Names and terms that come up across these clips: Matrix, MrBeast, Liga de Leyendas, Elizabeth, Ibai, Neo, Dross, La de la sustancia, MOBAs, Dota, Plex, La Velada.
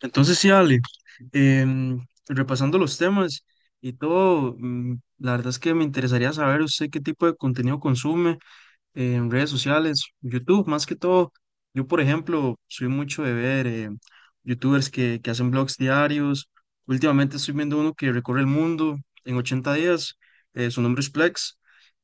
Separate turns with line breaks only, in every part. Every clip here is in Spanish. Entonces sí, Ale, repasando los temas y todo, la verdad es que me interesaría saber usted qué tipo de contenido consume en redes sociales, YouTube más que todo. Yo, por ejemplo, soy mucho de ver YouTubers que hacen blogs diarios. Últimamente estoy viendo uno que recorre el mundo en 80 días. Su nombre es Plex.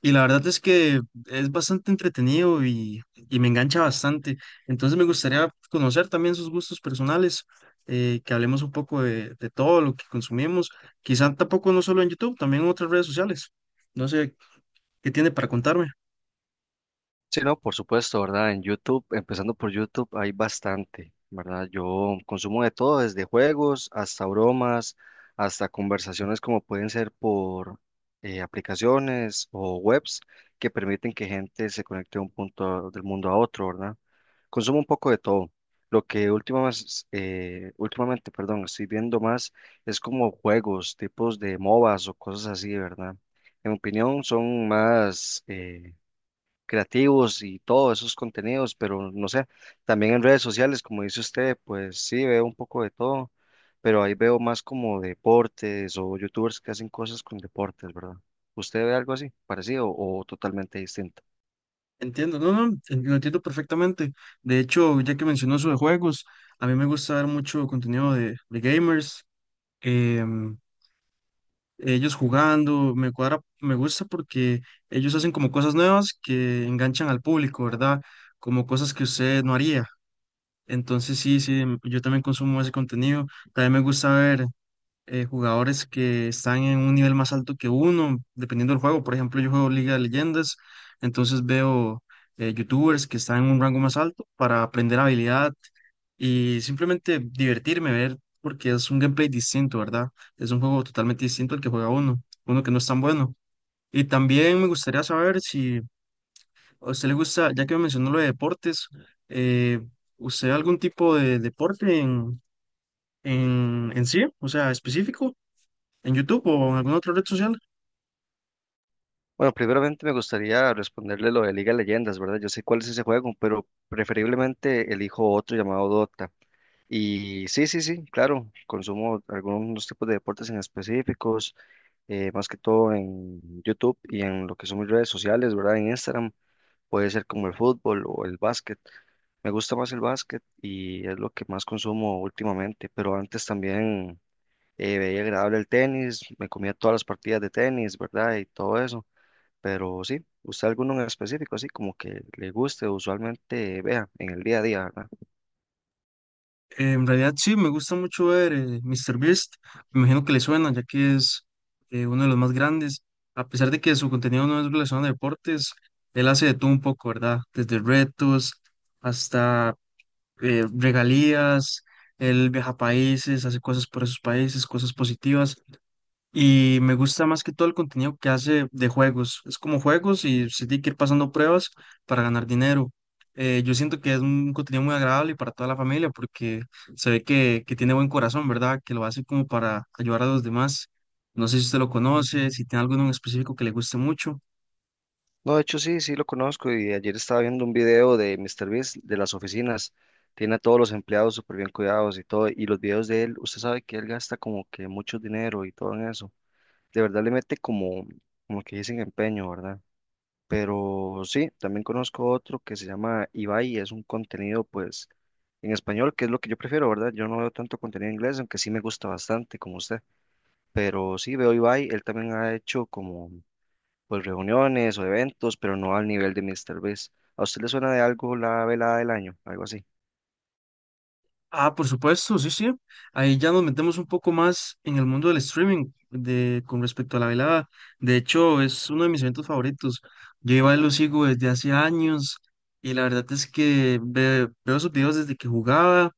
Y la verdad es que es bastante entretenido y me engancha bastante. Entonces me gustaría conocer también sus gustos personales, que hablemos un poco de todo lo que consumimos, quizá tampoco no solo en YouTube, también en otras redes sociales. No sé qué tiene para contarme.
Sí, no, por supuesto, ¿verdad? En YouTube, empezando por YouTube, hay bastante, ¿verdad? Yo consumo de todo, desde juegos hasta bromas, hasta conversaciones como pueden ser por aplicaciones o webs que permiten que gente se conecte de un punto del mundo a otro, ¿verdad? Consumo un poco de todo. Lo que últimamente, perdón, estoy viendo más es como juegos, tipos de MOBAs o cosas así, ¿verdad? En mi opinión, son más creativos y todos esos contenidos, pero no sé, también en redes sociales, como dice usted, pues sí, veo un poco de todo, pero ahí veo más como deportes o youtubers que hacen cosas con deportes, ¿verdad? ¿Usted ve algo así, parecido o totalmente distinto?
Entiendo, no, no, lo entiendo perfectamente. De hecho, ya que mencionó eso de juegos, a mí me gusta ver mucho contenido de gamers. em, Ellos jugando, me cuadra, me gusta porque ellos hacen como cosas nuevas que enganchan al público, ¿verdad? Como cosas que usted no haría. Entonces sí, sí, yo también consumo ese contenido. También me gusta ver jugadores que están en un nivel más alto que uno, dependiendo del juego. Por ejemplo, yo juego Liga de Leyendas, entonces veo youtubers que están en un rango más alto para aprender habilidad y simplemente divertirme, ver, porque es un gameplay distinto, ¿verdad? Es un juego totalmente distinto al que juega uno, uno que no es tan bueno. Y también me gustaría saber si a usted le gusta, ya que me mencionó lo de deportes, eh, ¿usted algún tipo de deporte en sí, o sea, específico, en YouTube o en alguna otra red social?
Bueno, primeramente me gustaría responderle lo de Liga de Leyendas, ¿verdad? Yo sé cuál es ese juego, pero preferiblemente elijo otro llamado Dota. Y sí, sí, sí, claro, consumo algunos tipos de deportes en específicos, más que todo en YouTube y en lo que son mis redes sociales, ¿verdad? En Instagram puede ser como el fútbol o el básquet. Me gusta más el básquet y es lo que más consumo últimamente, pero antes también veía agradable el tenis, me comía todas las partidas de tenis, ¿verdad? Y todo eso, pero sí, ¿usted alguno en específico, así como que le guste, usualmente vea en el día a día, ¿verdad?
En realidad sí, me gusta mucho ver míster Beast. Me imagino que le suena, ya que es uno de los más grandes. A pesar de que su contenido no es relacionado a deportes, él hace de todo un poco, ¿verdad? Desde retos hasta regalías, él viaja a países, hace cosas por esos países, cosas positivas. Y me gusta más que todo el contenido que hace de juegos. Es como juegos y se tiene que ir pasando pruebas para ganar dinero. Yo siento que es un contenido muy agradable para toda la familia porque se ve que tiene buen corazón, ¿verdad? Que lo hace como para ayudar a los demás. No sé si usted lo conoce, si tiene alguno en específico que le guste mucho.
No, de hecho sí, sí lo conozco y ayer estaba viendo un video de MrBeast de las oficinas. Tiene a todos los empleados súper bien cuidados y todo. Y los videos de él, usted sabe que él gasta como que mucho dinero y todo en eso. De verdad le mete como, como que dicen empeño, ¿verdad? Pero sí, también conozco otro que se llama Ibai, es un contenido pues en español, que es lo que yo prefiero, ¿verdad? Yo no veo tanto contenido en inglés, aunque sí me gusta bastante como usted. Pero sí veo Ibai, él también ha hecho como pues reuniones o eventos, pero no al nivel de Mr. Beast. ¿A usted le suena de algo la velada del año? Algo así.
Ah, por supuesto, sí, sí. Ahí ya nos metemos un poco más en el mundo del streaming de, con respecto a la velada. De hecho, es uno de mis eventos favoritos. Yo iba y lo sigo desde hace años y la verdad es que veo sus videos desde que jugaba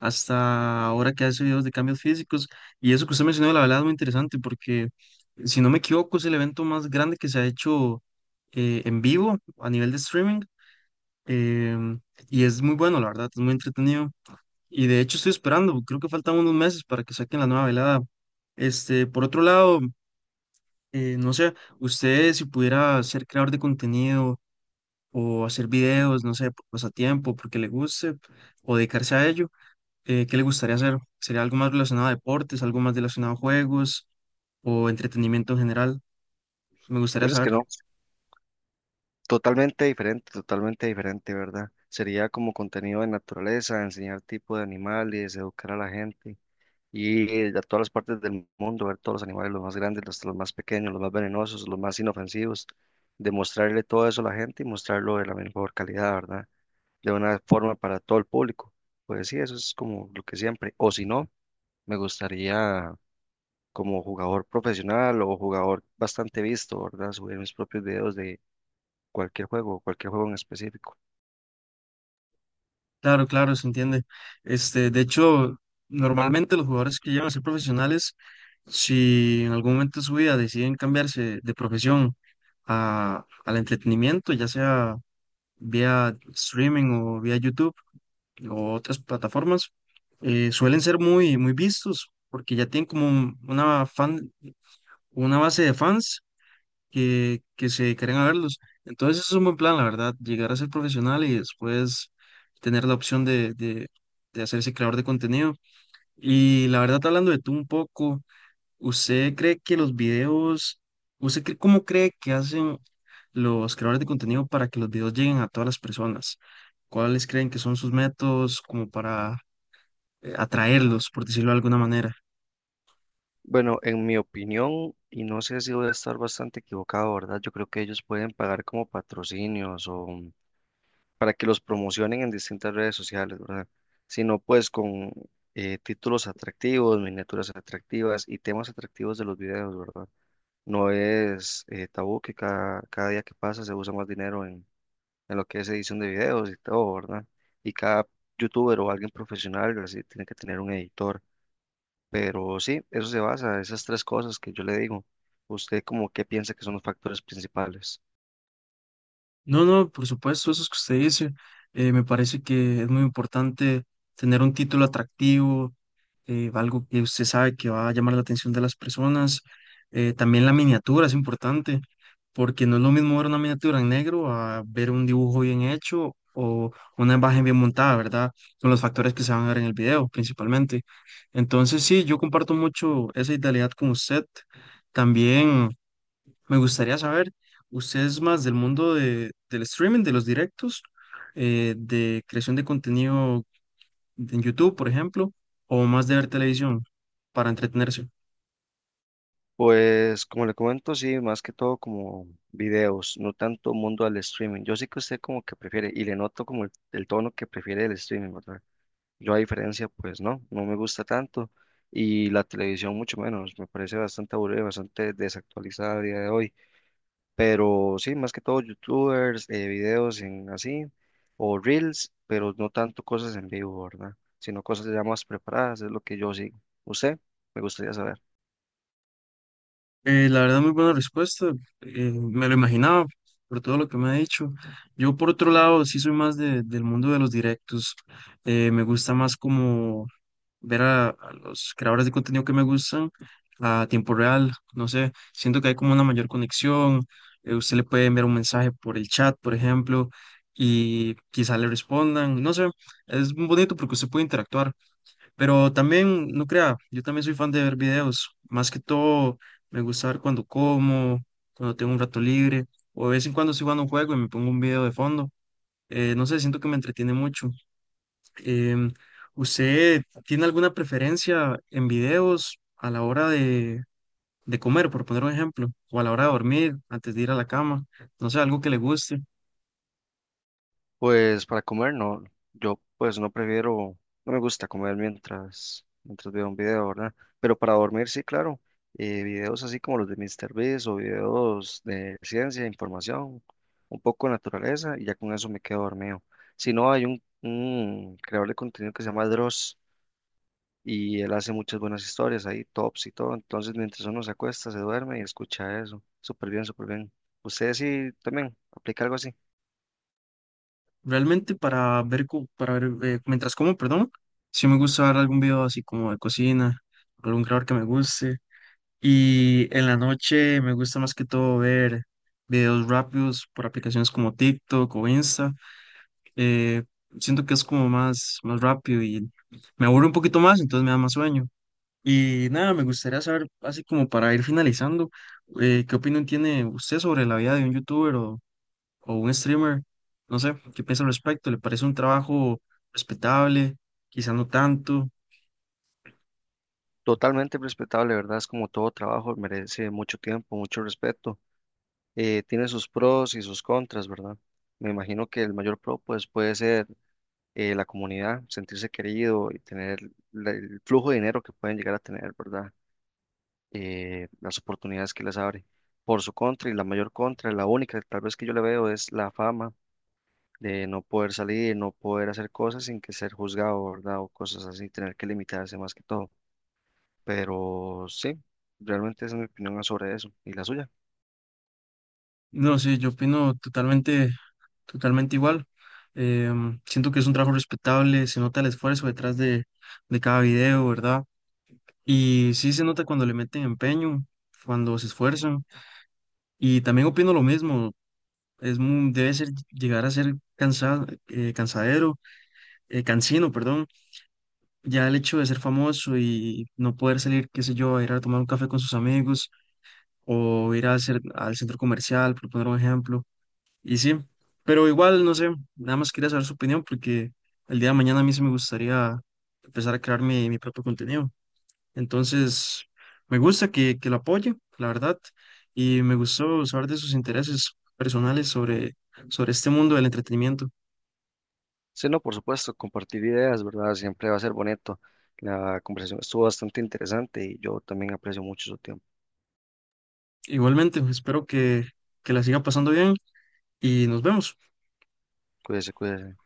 hasta ahora que hace videos de cambios físicos. Y eso que usted mencionó, de la velada es muy interesante porque, si no me equivoco, es el evento más grande que se ha hecho en vivo a nivel de streaming. em, y es muy bueno, la verdad, es muy entretenido. Y de hecho estoy esperando, creo que faltan unos meses para que saquen la nueva velada. Este, por otro lado, no sé, usted si pudiera ser creador de contenido o hacer videos, no sé, por pasatiempo, porque le guste o dedicarse a ello, ¿qué le gustaría hacer? ¿Sería algo más relacionado a deportes, algo más relacionado a juegos o entretenimiento en general? Me
Yo
gustaría
es
saber.
que no. Totalmente diferente, ¿verdad? Sería como contenido de naturaleza, enseñar tipo de animales, educar a la gente y a todas las partes del mundo, ver todos los animales, los más grandes, los más pequeños, los más venenosos, los más inofensivos, demostrarle todo eso a la gente y mostrarlo de la mejor calidad, ¿verdad? De una forma para todo el público. Pues sí, eso es como lo que siempre. O si no, me gustaría como jugador profesional o jugador bastante visto, ¿verdad? Subir mis propios videos de cualquier juego en específico.
Claro, claro, se entiende. Este, de hecho, normalmente los jugadores que llegan a ser profesionales, si en algún momento de su vida deciden cambiarse de profesión a, al entretenimiento, ya sea vía streaming o vía YouTube o otras plataformas, suelen ser muy, muy vistos porque ya tienen como una fan, una base de fans que se dedicarían a verlos. Entonces es un buen plan, la verdad, llegar a ser profesional y después tener la opción de hacerse creador de contenido. Y la verdad, hablando de tú un poco, ¿usted cree que los videos, cómo cree que hacen los creadores de contenido para que los videos lleguen a todas las personas? ¿Cuáles creen que son sus métodos como para atraerlos, por decirlo de alguna manera?
Bueno, en mi opinión, y no sé si voy a estar bastante equivocado, ¿verdad? Yo creo que ellos pueden pagar como patrocinios o para que los promocionen en distintas redes sociales, ¿verdad? Sino pues con títulos atractivos, miniaturas atractivas y temas atractivos de los videos, ¿verdad? No es tabú que cada día que pasa se usa más dinero en lo que es edición de videos y todo, ¿verdad? Y cada youtuber o alguien profesional así tiene que tener un editor. Pero sí, eso se basa, esas tres cosas que yo le digo. ¿Usted como qué piensa que son los factores principales?
No, no, por supuesto, eso es que usted dice. Me parece que es muy importante tener un título atractivo, algo que usted sabe que va a llamar la atención de las personas. También la miniatura es importante, porque no es lo mismo ver una miniatura en negro a ver un dibujo bien hecho o una imagen bien montada, ¿verdad? Son los factores que se van a ver en el video principalmente. Entonces, sí, yo comparto mucho esa idealidad con usted. También. Me gustaría saber, ¿usted es más del mundo de, del streaming, de los directos, de creación de contenido en YouTube, por ejemplo, o más de ver televisión para entretenerse?
Pues como le comento, sí, más que todo como videos, no tanto mundo al streaming. Yo sí que usted como que prefiere y le noto como el tono que prefiere el streaming, ¿verdad? Yo a diferencia, pues no, no me gusta tanto y la televisión mucho menos, me parece bastante aburrida, bastante desactualizada a día de hoy. Pero sí, más que todo youtubers, videos en así, o reels, pero no tanto cosas en vivo, ¿verdad? Sino cosas ya más preparadas, es lo que yo sigo. ¿Usted? Me gustaría saber.
La verdad, muy buena respuesta. Me lo imaginaba por todo lo que me ha dicho. Yo, por otro lado, sí soy más del mundo de los directos. Me gusta más como ver a los creadores de contenido que me gustan a tiempo real, no sé, siento que hay como una mayor conexión, usted le puede enviar un mensaje por el chat, por ejemplo, y quizá le respondan, no sé, es bonito porque usted puede interactuar, pero también, no crea, yo también soy fan de ver videos, más que todo me gusta ver cuando como, cuando tengo un rato libre, o de vez en cuando estoy jugando un juego y me pongo un video de fondo, no sé, siento que me entretiene mucho. Em, ¿Usted tiene alguna preferencia en videos a la hora de comer, por poner un ejemplo, o a la hora de dormir, antes de ir a la cama? No sé, algo que le guste.
Pues para comer, no, yo pues no prefiero, no me gusta comer mientras veo un video, ¿verdad? Pero para dormir, sí, claro, videos así como los de Mister MrBeast o videos de ciencia, información, un poco de naturaleza, y ya con eso me quedo dormido. Si no, hay un creador de contenido que se llama Dross y él hace muchas buenas historias ahí, tops y todo. Entonces, mientras uno se acuesta, se duerme y escucha eso. Súper bien, súper bien. Ustedes sí también aplica algo así.
Realmente para ver, para ver mientras como, perdón, sí me gusta ver algún video así como de cocina, algún creador que me guste. Y en la noche me gusta más que todo ver videos rápidos por aplicaciones como TikTok o Insta. eh, Siento que es como más, más rápido y me aburre un poquito más, entonces me da más sueño. Y nada, me gustaría saber, así como para ir finalizando, ¿qué opinión tiene usted sobre la vida de un youtuber o un streamer? No sé, ¿qué piensa al respecto? ¿Le parece un trabajo respetable? Quizá no tanto.
Totalmente respetable, ¿verdad? Es como todo trabajo, merece mucho tiempo, mucho respeto. Tiene sus pros y sus contras, ¿verdad? Me imagino que el mayor pro, pues, puede ser la comunidad, sentirse querido y tener el flujo de dinero que pueden llegar a tener, ¿verdad? Las oportunidades que les abre. Por su contra y la mayor contra, la única tal vez que yo le veo es la fama de no poder salir, no poder hacer cosas sin que ser juzgado, ¿verdad? O cosas así, tener que limitarse más que todo. Pero sí, realmente esa es mi opinión sobre eso y la suya.
No, sí, yo opino totalmente, totalmente igual. Siento que es un trabajo respetable, se nota el esfuerzo detrás de cada video, ¿verdad? Y sí se nota cuando le meten empeño, cuando se esfuerzan. Y también opino lo mismo. Es muy, debe ser llegar a ser cansado, cansadero, cansino, perdón. Ya el hecho de ser famoso y no poder salir, qué sé yo, a ir a tomar un café con sus amigos o ir a hacer, al centro comercial, por poner un ejemplo. Y sí, pero igual, no sé, nada más quería saber su opinión porque el día de mañana a mí sí me gustaría empezar a crear mi propio contenido. Entonces, me gusta que la apoye, la verdad, y me gustó saber de sus intereses personales sobre este mundo del entretenimiento.
Sí, no, por supuesto, compartir ideas, ¿verdad? Siempre va a ser bonito. La conversación estuvo bastante interesante y yo también aprecio mucho su tiempo.
Igualmente, espero que la siga pasando bien y nos vemos.
Cuídese, cuídese.